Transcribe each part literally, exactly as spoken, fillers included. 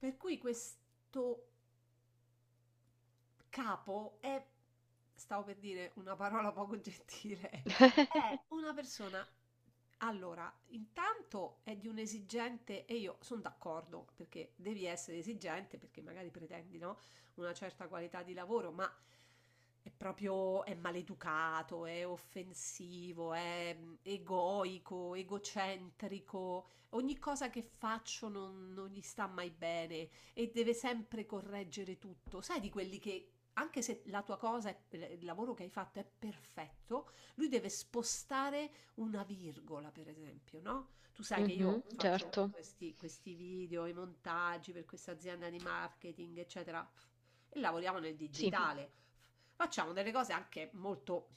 Per cui questo capo è, stavo per dire una parola poco gentile, è una persona. Allora, intanto è di un esigente, e io sono d'accordo perché devi essere esigente perché magari pretendi, no? Una certa qualità di lavoro, ma è proprio è maleducato, è offensivo, è mm, egoico, egocentrico, ogni cosa che faccio non, non gli sta mai bene e deve sempre correggere tutto. Sai di quelli che anche se la tua cosa, è- il lavoro che hai fatto è perfetto, lui deve spostare una virgola, per esempio, no? Tu sai che Mhm, io faccio certo, questi, questi video, i montaggi per questa azienda di marketing, eccetera, e lavoriamo nel sì, digitale. Facciamo delle cose anche molto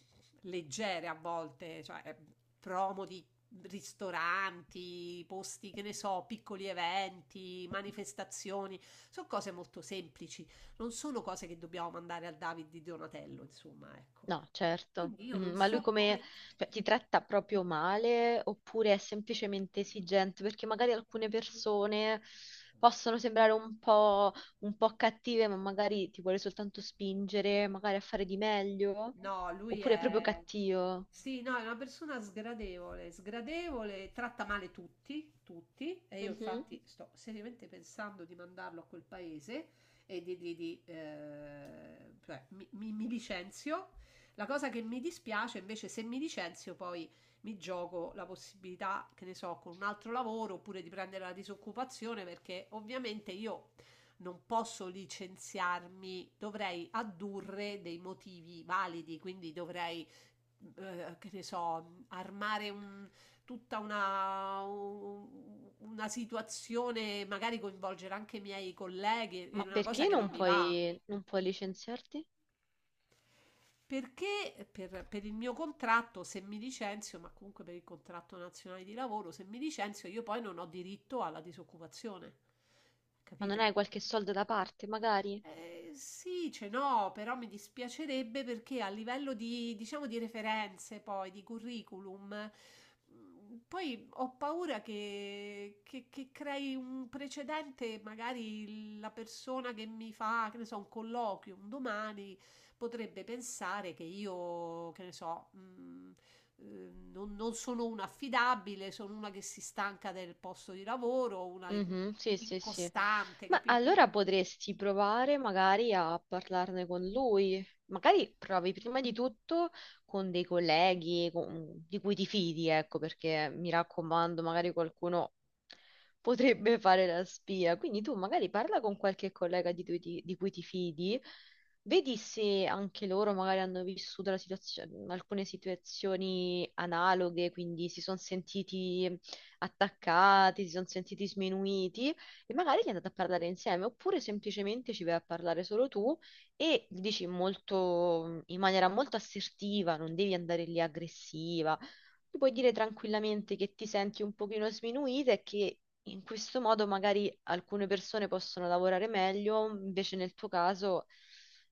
leggere a volte, cioè eh, promo di ristoranti, posti, che ne so, piccoli eventi, manifestazioni, sono cose molto semplici, non sono cose che dobbiamo mandare al David di Donatello, insomma, ecco. no, certo. Quindi io Mhm, non ma lui so come, come. cioè, ti tratta proprio male oppure è semplicemente esigente? Perché magari alcune persone possono sembrare un po', un po' cattive, ma magari ti vuole soltanto spingere, magari a fare di meglio, No, lui oppure è proprio è... cattivo. Sì, no, è una persona sgradevole, sgradevole, tratta male tutti, tutti, e io Mhm. infatti sto seriamente pensando di mandarlo a quel paese e di... di- di, eh, cioè, mi, mi- mi licenzio. La cosa che mi dispiace invece, se mi licenzio poi mi gioco la possibilità, che ne so, con un altro lavoro oppure di prendere la disoccupazione perché ovviamente io non posso licenziarmi, dovrei addurre dei motivi validi, quindi dovrei, eh, che ne so, armare un- tutta una, un- una situazione, magari coinvolgere anche i miei colleghi, è Ma una cosa perché che non non mi va. puoi, non puoi licenziarti? Perché per, per il mio contratto, se mi licenzio, ma comunque per il contratto nazionale di lavoro, se mi licenzio, io poi non ho diritto alla disoccupazione. Ma non hai Capito? qualche soldo da parte, magari? Eh, sì, ce n'ho, però mi dispiacerebbe perché a livello di, diciamo, di referenze, poi di curriculum, mh, poi ho paura che, che- che crei un precedente, magari la persona che mi fa, che ne so, un colloquio un domani potrebbe pensare che io, che ne so, mh, eh, non, non sono una affidabile, sono una che si stanca del posto di lavoro, una in- Mhm, sì, sì, sì. incostante, Ma allora capito? potresti provare magari a parlarne con lui. Magari provi prima di tutto con dei colleghi con- di cui ti fidi, ecco, perché mi raccomando, magari qualcuno potrebbe fare la spia. Quindi tu magari parla con qualche collega di, cui ti di cui ti fidi, vedi se anche loro magari hanno vissuto la situazio- alcune situazioni analoghe, quindi si sono sentiti attaccati, si sono sentiti sminuiti e magari gli andate a parlare insieme oppure semplicemente ci vai a parlare solo tu e gli dici molto, in maniera molto assertiva, non devi andare lì aggressiva. Tu puoi dire tranquillamente che ti senti un pochino sminuita e che in questo modo magari alcune persone possono lavorare meglio, invece nel tuo caso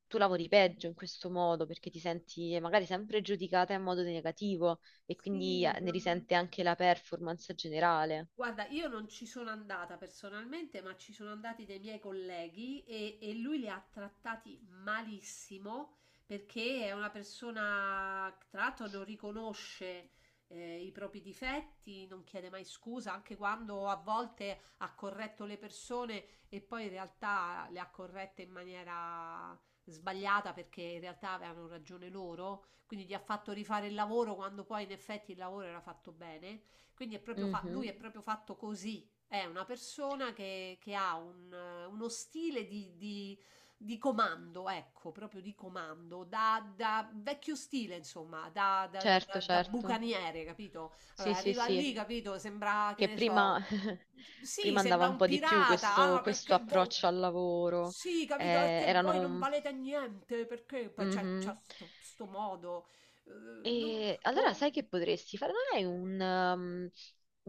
tu lavori peggio in questo modo perché ti senti magari sempre giudicata in modo negativo e quindi Sì, eh, ne ma- risente anche la performance generale. guarda, io non ci sono andata personalmente, ma ci sono andati dei miei colleghi e, e lui li ha trattati malissimo perché è una persona, tra l'altro, non riconosce eh, i propri difetti, non chiede mai scusa, anche quando a volte ha corretto le persone e poi in realtà le ha corrette in maniera sbagliata perché in realtà avevano ragione loro, quindi gli ha fatto rifare il lavoro quando poi in effetti il lavoro era fatto bene. Quindi è proprio fa- lui Mhm. è proprio fatto così. È una persona che, che ha un, eh, uno stile di, di- di comando, ecco, proprio di comando, da, da vecchio stile, insomma, da, da- da- Certo, da- da certo. bucaniere, capito? Eh, Sì, sì, arriva lì. sì. Sì, capito? Sembra, che Che ne che so, prima, prima sì, prima andava sembra un un andava po' come se di più pirata. Ah, questo, fosse un questo perché voi... approccio al sciamano. lavoro. Sì, Eh, capito? Perché voi non erano... valete niente, perché... Poi C'è c'è Mhm. sto, sto modo... eh, Sì. no, E allora boh. sai che potresti fare? Non hai un, um,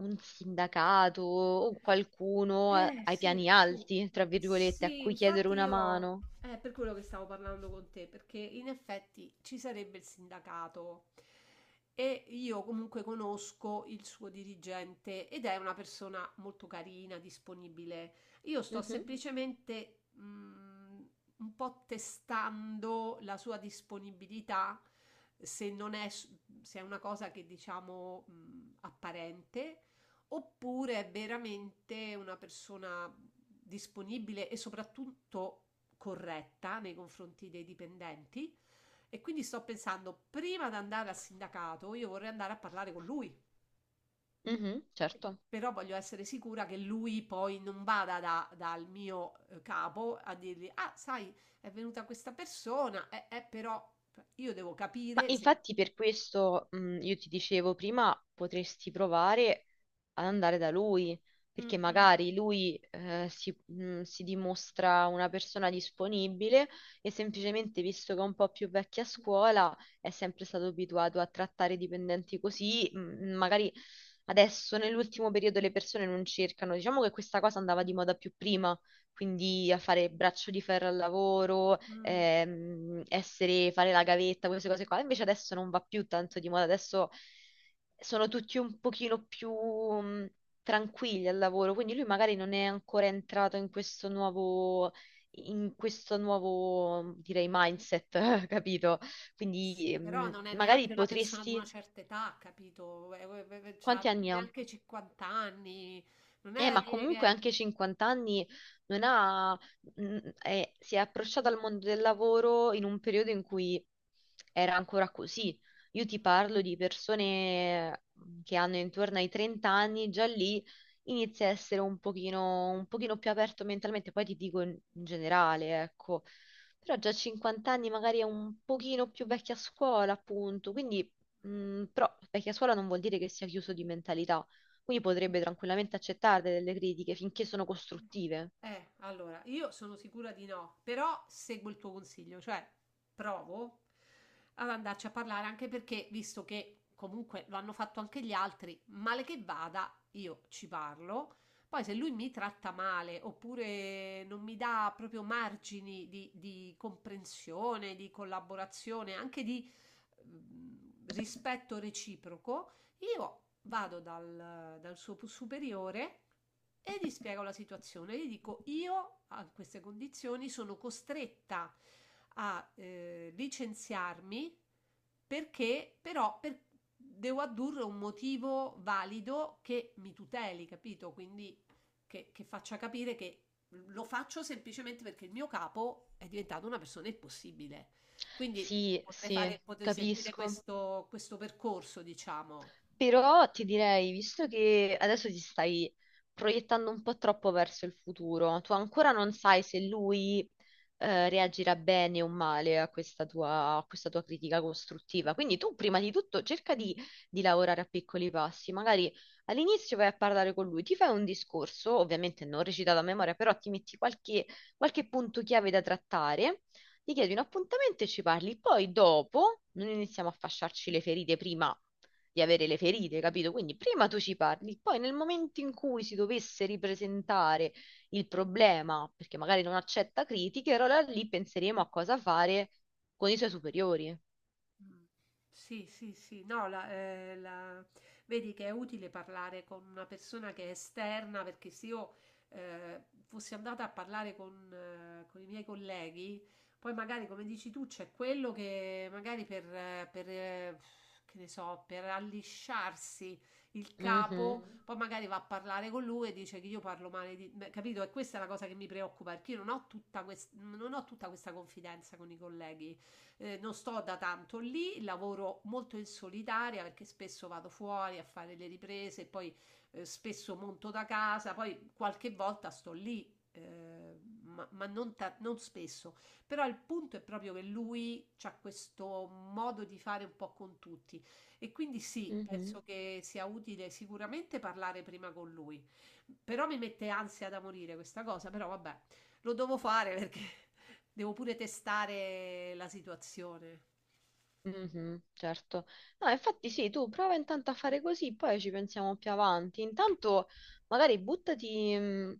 un sindacato o qualcuno a- Eh, ai sì, piani sì. alti, tra virgolette, a Sì, cui chiedere infatti una io mano? è per quello che stavo parlando con te, perché in effetti ci sarebbe il sindacato e io comunque conosco il suo dirigente ed è una persona molto carina, disponibile. Io sto Mhm, semplicemente mm, un po' testando la sua disponibilità, se non è, s- se è una cosa che diciamo mm, apparente oppure è veramente una persona disponibile e soprattutto corretta nei confronti dei dipendenti. E quindi sto pensando, prima di andare al sindacato, io vorrei andare a parlare con lui, mhm, certo. però voglio essere sicura che lui poi non vada da- dal mio eh, capo a dirgli: ah, sai, è venuta questa persona, eh, eh, però io devo Ma capire se... infatti per questo mh, io ti dicevo prima potresti provare ad andare da lui, Mm, perché mm, magari lui eh, si, mh, si dimostra una persona disponibile e semplicemente visto che è un po' più vecchia a scuola è sempre stato abituato a trattare i dipendenti così, mh, magari adesso nell'ultimo periodo le persone non cercano, diciamo che questa cosa andava di moda più prima quindi a fare braccio di ferro al lavoro, mm. ehm, essere, fare la gavetta, queste cose qua. Invece adesso non va più tanto di moda, adesso sono tutti un pochino più mh, tranquilli al lavoro, quindi lui magari non è ancora entrato in questo nuovo, in questo nuovo, direi, mindset, capito? Sì, Quindi però mh, non è magari neanche una persona di una potresti... certa età, capito? Eh, eh, eh, C'ha Quanti anni ha? neanche cinquanta anni. Non è Eh, da ma dire che. comunque anche cinquanta anni non ha, mm, eh, si è approcciata al mondo del lavoro in un periodo in cui era ancora così. Io ti parlo di persone mm, che hanno intorno ai trenta anni, già lì inizia a essere un pochino, un pochino più aperto mentalmente, poi ti dico in, in generale, ecco. Però già a cinquanta anni magari è un pochino più vecchia scuola, appunto. Quindi, mm, però vecchia scuola non vuol dire che sia chiuso di mentalità quindi potrebbe tranquillamente accettare delle critiche finché sono costruttive. Eh, allora, io sono sicura di no, però seguo il tuo consiglio, cioè provo ad andarci a parlare anche perché, visto che comunque lo hanno fatto anche gli altri, male che vada, io ci parlo. Poi se lui mi tratta male oppure non mi dà proprio margini di, di comprensione, di collaborazione, anche di mm, rispetto reciproco, io vado dal, dal suo superiore e gli spiego la situazione. Gli dico: io a queste condizioni sono costretta a eh, licenziarmi perché però per- devo addurre un motivo valido che mi tuteli, capito? Quindi che, che faccia capire che lo faccio semplicemente perché il mio capo è diventato una persona impossibile. Quindi, sì, Sì, potrei sì, fare, potrei sì. seguire capisco. questo, questo percorso, diciamo. Però ti direi, visto che adesso ti stai proiettando un po' troppo verso il futuro, tu ancora non sai se lui eh, reagirà bene o male a questa tua, a questa tua critica costruttiva. Quindi tu prima di tutto cerca di, di lavorare a piccoli passi. Magari all'inizio vai a parlare con lui, ti fai un discorso, ovviamente non recitato a memoria, però ti metti qualche, qualche punto chiave da trattare. Ti chiedi un appuntamento e ci parli, poi dopo non iniziamo a fasciarci le ferite prima di avere le ferite, capito? Quindi prima tu ci parli, poi nel momento in cui si dovesse ripresentare il problema, perché magari non accetta critiche, allora lì penseremo a cosa fare con i suoi superiori. Mh. Sì, sì, sì. No, la ehm, la vedi che è utile parlare con una persona che è esterna, perché se io, ehm, fossi andata a parlare con eh, con i miei colleghi, poi magari, come dici tu, c'è quello che magari per eh, per eh, che ne so, per allisciarsi il capo, Mhm, poi magari va a parlare con lui e dice che io parlo male di me, capito? E questa è la cosa che mi preoccupa, perché io non ho tutta ques non ho tutta questa confidenza con i colleghi, eh, non sto da tanto lì, lavoro molto in solitaria perché spesso vado fuori a fare le riprese e poi eh, spesso monto da casa, poi qualche volta sto lì. eh, ma, ma non, ta- non spesso, però il punto è proprio che lui ha questo modo di fare un po' con tutti e quindi sì, mhm, penso che sia utile sicuramente parlare prima con lui, però mi mette ansia da morire questa cosa, però vabbè, lo devo fare perché devo pure testare la situazione. mhm, certo. No, infatti sì, tu prova intanto a fare così, poi ci pensiamo più avanti. Intanto magari buttati... mh,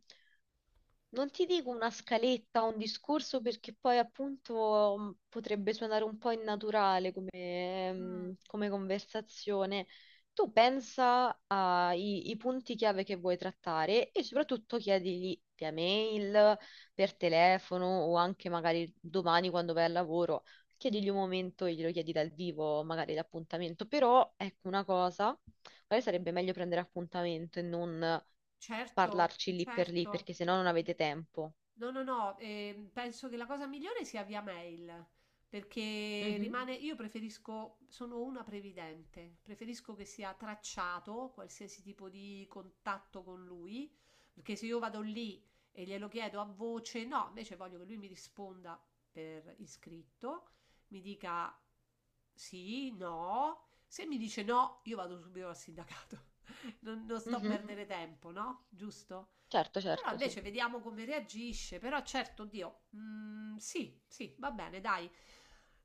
non ti dico una scaletta o un discorso perché poi appunto mh, potrebbe suonare un po' innaturale come, ehm, come conversazione. Tu pensa ai i punti chiave che vuoi trattare e soprattutto chiedigli via mail, per telefono o anche magari domani quando vai al lavoro. Chiedigli un momento e glielo chiedi dal vivo, magari l'appuntamento. Però ecco una cosa. Magari sarebbe meglio prendere appuntamento e non Certo, parlarci lì per lì, certo. perché sennò non avete tempo. No, no, no, ehm, penso che la cosa migliore sia via mail, perché Mhm, rimane, io preferisco, sono una previdente, preferisco che sia tracciato qualsiasi tipo di contatto con lui, perché se io vado lì e glielo chiedo a voce, no, invece voglio che lui mi risponda per iscritto, mi dica sì, no, se mi dice no, io vado subito al sindacato, non, non sto a mhm. perdere tempo, no? Giusto? Certo, Però certo, sì. invece vediamo come reagisce. Però certo, Dio, mm, sì, sì, va bene, dai.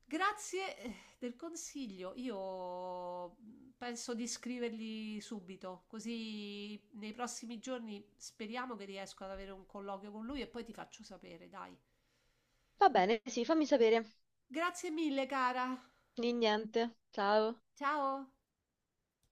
Grazie eh, del consiglio. Io penso di scrivergli subito, così nei prossimi giorni speriamo che riesco ad avere un colloquio con lui e poi ti faccio sapere, dai. Va bene, sì, fammi sapere. Grazie mille, cara. Di niente. Ciao. Ciao.